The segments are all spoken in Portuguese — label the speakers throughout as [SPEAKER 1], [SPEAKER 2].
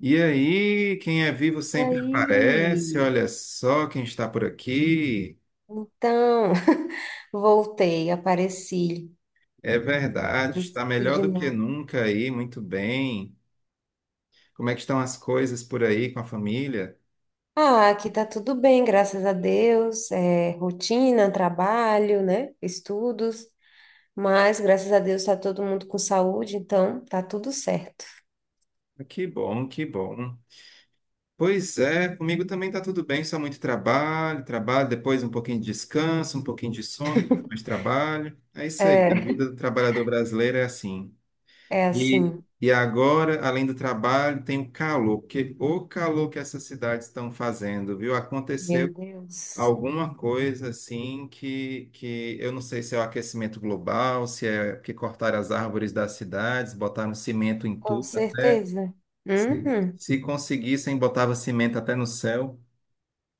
[SPEAKER 1] E aí, quem é vivo
[SPEAKER 2] E
[SPEAKER 1] sempre aparece.
[SPEAKER 2] aí,
[SPEAKER 1] Olha só quem está por aqui.
[SPEAKER 2] então, voltei, apareci,
[SPEAKER 1] É verdade,
[SPEAKER 2] apareci
[SPEAKER 1] está melhor
[SPEAKER 2] de
[SPEAKER 1] do que
[SPEAKER 2] novo.
[SPEAKER 1] nunca aí, muito bem. Como é que estão as coisas por aí com a família?
[SPEAKER 2] Ah, aqui tá tudo bem, graças a Deus. É, rotina, trabalho, né? Estudos, mas graças a Deus tá todo mundo com saúde, então tá tudo certo.
[SPEAKER 1] Ah, que bom, que bom. Pois é, comigo também está tudo bem, só muito trabalho, trabalho, depois um pouquinho de descanso, um pouquinho de sono, depois mais trabalho. É isso aí, a
[SPEAKER 2] É,
[SPEAKER 1] vida do trabalhador brasileiro é assim.
[SPEAKER 2] é
[SPEAKER 1] E,
[SPEAKER 2] assim,
[SPEAKER 1] e agora, além do trabalho, tem o calor, porque o calor que essas cidades estão fazendo, viu?
[SPEAKER 2] meu
[SPEAKER 1] Aconteceu
[SPEAKER 2] Deus,
[SPEAKER 1] alguma coisa assim que eu não sei se é o aquecimento global, se é que cortaram as árvores das cidades, botaram cimento em
[SPEAKER 2] com
[SPEAKER 1] tudo, até
[SPEAKER 2] certeza.
[SPEAKER 1] se,
[SPEAKER 2] Uhum.
[SPEAKER 1] se conseguissem, botava cimento até no céu.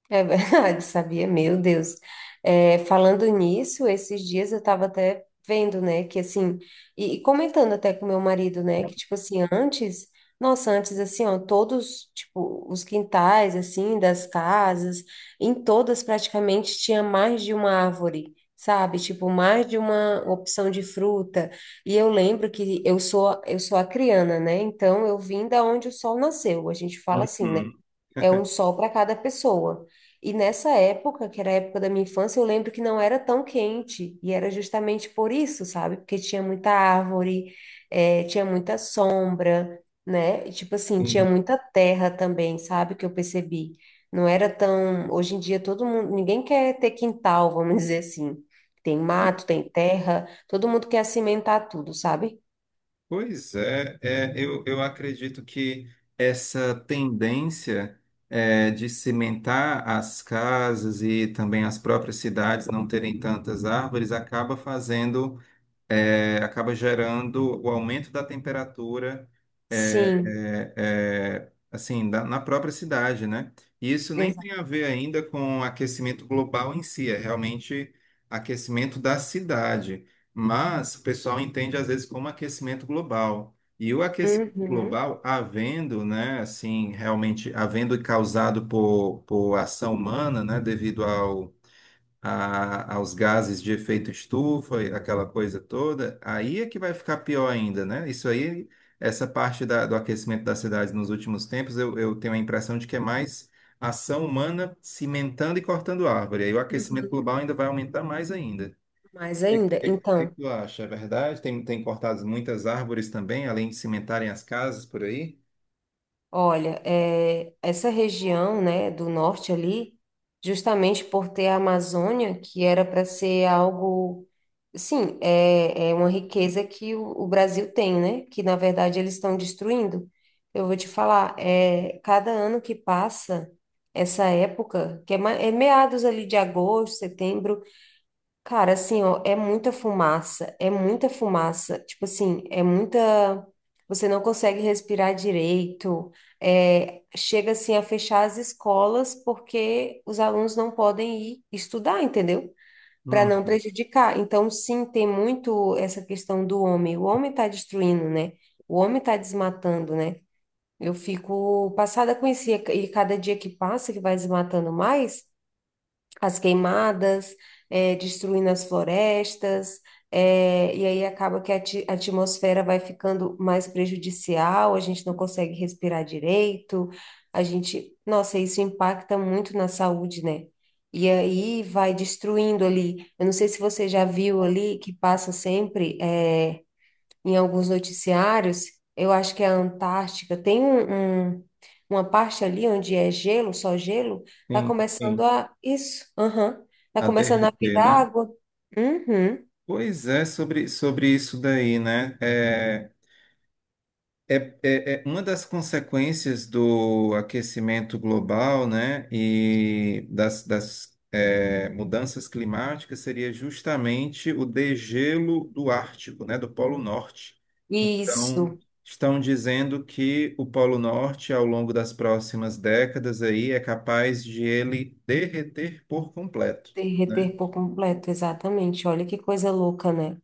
[SPEAKER 2] É verdade, sabia? Meu Deus. É, falando nisso, esses dias eu estava até vendo, né, que assim, e comentando até com meu marido, né, que tipo assim, antes, nossa, antes assim, ó, todos, tipo, os quintais, assim, das casas, em todas praticamente tinha mais de uma árvore. Sabe, tipo, mais de uma opção de fruta. E eu lembro que eu sou acriana, né? Então eu vim da onde o sol nasceu. A gente fala assim, né?
[SPEAKER 1] Uhum.
[SPEAKER 2] É um sol para cada pessoa. E nessa época, que era a época da minha infância, eu lembro que não era tão quente. E era justamente por isso, sabe? Porque tinha muita árvore, tinha muita sombra, né? E, tipo assim, tinha muita terra também, sabe? Que eu percebi. Não era tão. Hoje em dia, todo mundo. Ninguém quer ter quintal, vamos dizer assim. Tem mato, tem terra, todo mundo quer cimentar tudo, sabe?
[SPEAKER 1] Pois é, eu acredito que essa tendência de cimentar as casas e também as próprias cidades não terem tantas árvores acaba fazendo, acaba gerando o aumento da temperatura
[SPEAKER 2] Sim,
[SPEAKER 1] assim, na própria cidade, né? E isso nem
[SPEAKER 2] exato.
[SPEAKER 1] tem a ver ainda com aquecimento global em si, é realmente aquecimento da cidade. Mas o pessoal entende às vezes como aquecimento global. E o aquecimento
[SPEAKER 2] Uhum.
[SPEAKER 1] global, havendo, né, assim, realmente havendo causado por ação humana, né, devido ao aos gases de efeito estufa, e aquela coisa toda, aí é que vai ficar pior ainda, né? Isso aí, essa parte do aquecimento das cidades nos últimos tempos, eu tenho a impressão de que é mais ação humana cimentando e cortando árvore. Aí o aquecimento
[SPEAKER 2] Uhum.
[SPEAKER 1] global ainda vai aumentar mais ainda.
[SPEAKER 2] Mais
[SPEAKER 1] O
[SPEAKER 2] ainda,
[SPEAKER 1] que
[SPEAKER 2] então.
[SPEAKER 1] tu acha? É verdade? Tem cortado muitas árvores também, além de cimentarem as casas por aí?
[SPEAKER 2] Olha, é, essa região, né, do norte ali, justamente por ter a Amazônia, que era para ser algo, sim, é, é uma riqueza que o Brasil tem, né, que na verdade eles estão destruindo. Eu vou te falar, é, cada ano que passa, essa época, que é, é meados ali de agosto, setembro. Cara, assim, ó, é muita fumaça, é muita fumaça. Tipo assim, é muita. Você não consegue respirar direito. Chega assim a fechar as escolas porque os alunos não podem ir estudar, entendeu? Para
[SPEAKER 1] Hum,
[SPEAKER 2] não prejudicar. Então, sim, tem muito essa questão do homem. O homem está destruindo, né? O homem está desmatando, né? Eu fico passada com isso e cada dia que passa, que vai desmatando mais, as queimadas, destruindo as florestas, e aí acaba que a a atmosfera vai ficando mais prejudicial, a gente não consegue respirar direito, a gente, nossa, isso impacta muito na saúde, né? E aí vai destruindo ali. Eu não sei se você já viu ali que passa sempre. Em alguns noticiários, eu acho que é a Antártica, tem uma parte ali onde é gelo, só gelo, tá
[SPEAKER 1] sim,
[SPEAKER 2] começando
[SPEAKER 1] sim.
[SPEAKER 2] a. Isso, aham. Tá
[SPEAKER 1] A
[SPEAKER 2] começando a
[SPEAKER 1] derreter,
[SPEAKER 2] virar
[SPEAKER 1] né?
[SPEAKER 2] água. Uhum.
[SPEAKER 1] Pois é, sobre isso daí, né? É, é- é uma das consequências do aquecimento global, né, e das mudanças climáticas seria justamente o degelo do Ártico, né, do Polo Norte. Então,
[SPEAKER 2] Isso,
[SPEAKER 1] estão dizendo que o Polo Norte, ao longo das próximas décadas aí, é capaz de ele derreter por completo. Né?
[SPEAKER 2] derreter por completo, exatamente. Olha que coisa louca, né?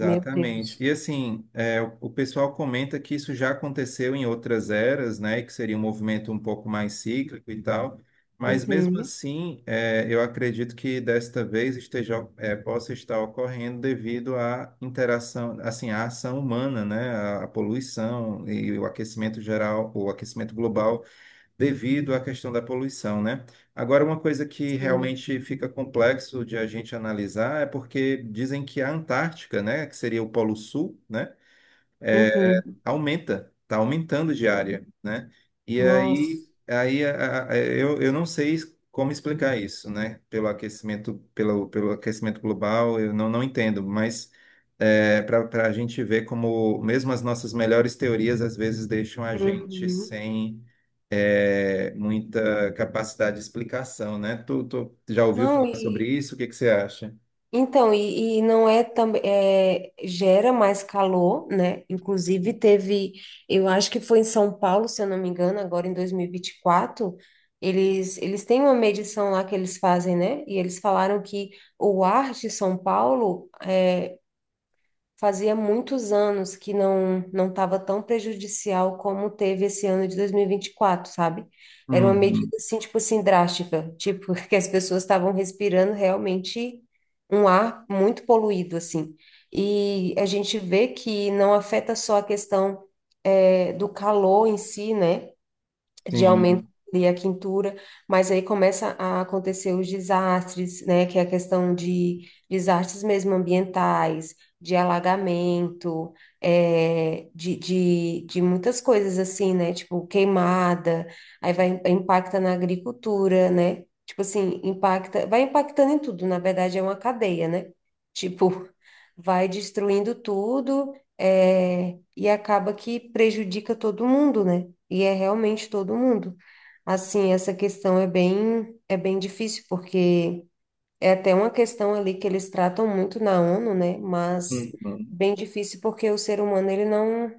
[SPEAKER 2] Meu
[SPEAKER 1] E
[SPEAKER 2] Deus.
[SPEAKER 1] assim, é, o pessoal comenta que isso já aconteceu em outras eras, né? Que seria um movimento um pouco mais cíclico e tal. Mas mesmo
[SPEAKER 2] Uhum.
[SPEAKER 1] assim, eu acredito que desta vez esteja, possa estar ocorrendo devido à interação, assim, à ação humana, né? A poluição e o aquecimento geral, o aquecimento global devido à questão da poluição, né? Agora, uma coisa que
[SPEAKER 2] Sim.
[SPEAKER 1] realmente fica complexo de a gente analisar é porque dizem que a Antártica, né, que seria o Polo Sul, né?
[SPEAKER 2] Uhum.
[SPEAKER 1] Aumenta, está aumentando de área, né? E aí,
[SPEAKER 2] Nossa.
[SPEAKER 1] eu não sei como explicar isso, né? Pelo aquecimento, pelo aquecimento global, eu não entendo, mas para a gente ver como mesmo as nossas melhores teorias às vezes deixam a gente
[SPEAKER 2] Uhum.
[SPEAKER 1] sem muita capacidade de explicação, né? Tu já ouviu
[SPEAKER 2] Não,
[SPEAKER 1] falar sobre
[SPEAKER 2] e.
[SPEAKER 1] isso? O que que você acha?
[SPEAKER 2] Então, e não é também, gera mais calor, né? Inclusive teve, eu acho que foi em São Paulo, se eu não me engano, agora em dois mil e vinte e quatro, eles têm uma medição lá que eles fazem, né? E eles falaram que o ar de São Paulo é, fazia muitos anos que não estava tão prejudicial como teve esse ano de 2024, sabe? Era uma
[SPEAKER 1] Uhum.
[SPEAKER 2] medida assim, tipo assim, drástica, tipo que as pessoas estavam respirando realmente um ar muito poluído assim. E a gente vê que não afeta só a questão do calor em si, né? De aumento
[SPEAKER 1] Sim.
[SPEAKER 2] ali a quintura, mas aí começa a acontecer os desastres, né? Que é a questão de desastres mesmo ambientais, de alagamento, é, de muitas coisas assim, né? Tipo queimada, aí vai impacta na agricultura, né? Tipo assim, impacta, vai impactando em tudo, na verdade é uma cadeia, né? Tipo, vai destruindo tudo, é, e acaba que prejudica todo mundo, né? E é realmente todo mundo. Assim, essa questão é bem difícil, porque é até uma questão ali que eles tratam muito na ONU, né? Mas
[SPEAKER 1] Uhum.
[SPEAKER 2] bem difícil porque o ser humano,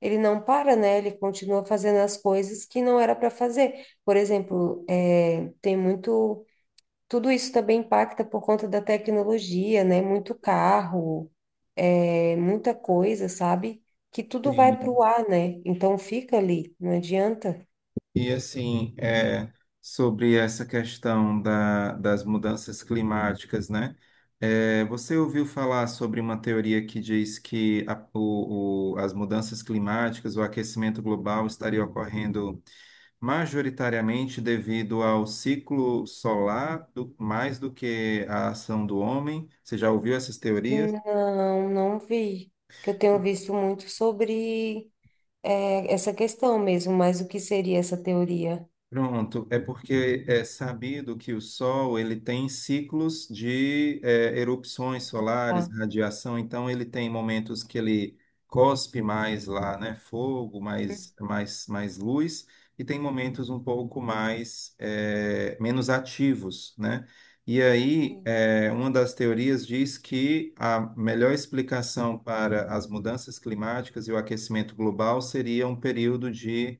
[SPEAKER 2] ele não para, né? Ele continua fazendo as coisas que não era para fazer. Por exemplo, é, tem muito... Tudo isso também impacta por conta da tecnologia, né? Muito carro, é, muita coisa, sabe? Que tudo vai para
[SPEAKER 1] Sim.
[SPEAKER 2] o ar, né? Então fica ali, não adianta.
[SPEAKER 1] E assim, sobre essa questão das mudanças climáticas, né? É, você ouviu falar sobre uma teoria que diz que as mudanças climáticas, o aquecimento global estaria ocorrendo majoritariamente devido ao ciclo solar mais do que a ação do homem? Você já ouviu essas teorias?
[SPEAKER 2] Não, não vi. Que eu tenho visto muito sobre essa questão mesmo, mas o que seria essa teoria?
[SPEAKER 1] Pronto, é porque é sabido que o Sol ele tem ciclos de erupções solares,
[SPEAKER 2] Tá.
[SPEAKER 1] radiação, então ele tem momentos que ele cospe mais lá, né, fogo, mais luz, e tem momentos um pouco mais menos ativos, né? E aí,
[SPEAKER 2] Sim.
[SPEAKER 1] uma das teorias diz que a melhor explicação para as mudanças climáticas e o aquecimento global seria um período de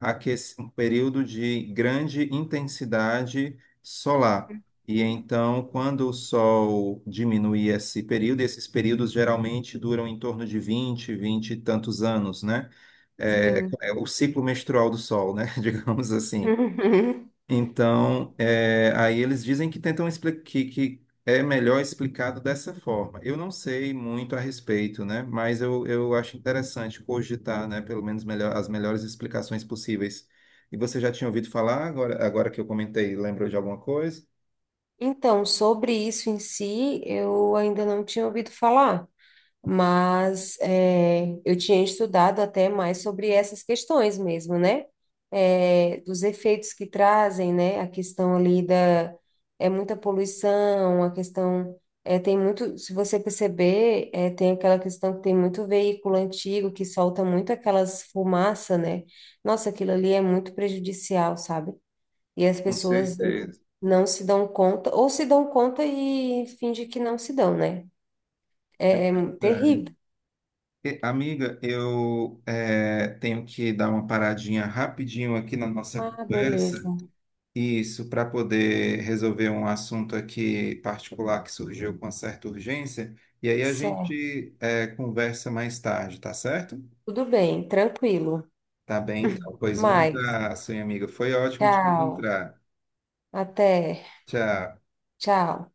[SPEAKER 1] um período de grande intensidade solar. E
[SPEAKER 2] Uhum.
[SPEAKER 1] então, quando o Sol diminui esse período, esses períodos geralmente duram em torno de 20 e tantos anos, né? É,
[SPEAKER 2] Sim.
[SPEAKER 1] é o ciclo menstrual do Sol, né? Digamos assim.
[SPEAKER 2] Uhum.
[SPEAKER 1] Então, aí eles dizem que tentam explicar que é melhor explicado dessa forma. Eu não sei muito a respeito, né? Mas eu acho interessante cogitar, né? Pelo menos melhor, as melhores explicações possíveis. E você já tinha ouvido falar, agora, agora que eu comentei, lembrou de alguma coisa?
[SPEAKER 2] Então, sobre isso em si, eu ainda não tinha ouvido falar, mas é, eu tinha estudado até mais sobre essas questões mesmo, né? É, dos efeitos que trazem, né? A questão ali da é muita poluição, a questão é, tem muito, se você perceber, é, tem aquela questão que tem muito veículo antigo que solta muito aquelas fumaça, né? Nossa, aquilo ali é muito prejudicial, sabe? E as
[SPEAKER 1] Com
[SPEAKER 2] pessoas
[SPEAKER 1] certeza.
[SPEAKER 2] não se dão conta, ou se dão conta e fingem que não se dão, né?
[SPEAKER 1] É.
[SPEAKER 2] Terrível.
[SPEAKER 1] E, amiga, eu tenho que dar uma paradinha rapidinho aqui na nossa
[SPEAKER 2] Ah, beleza.
[SPEAKER 1] conversa. Isso, para poder resolver um assunto aqui particular que surgiu com certa urgência. E aí a
[SPEAKER 2] Certo,
[SPEAKER 1] gente conversa mais tarde, tá certo?
[SPEAKER 2] tudo bem, tranquilo.
[SPEAKER 1] Tá bem, então.
[SPEAKER 2] Até
[SPEAKER 1] Pois um
[SPEAKER 2] mais.
[SPEAKER 1] abraço, minha amiga. Foi ótimo te
[SPEAKER 2] Tchau.
[SPEAKER 1] encontrar.
[SPEAKER 2] Até.
[SPEAKER 1] Tchau.
[SPEAKER 2] Tchau.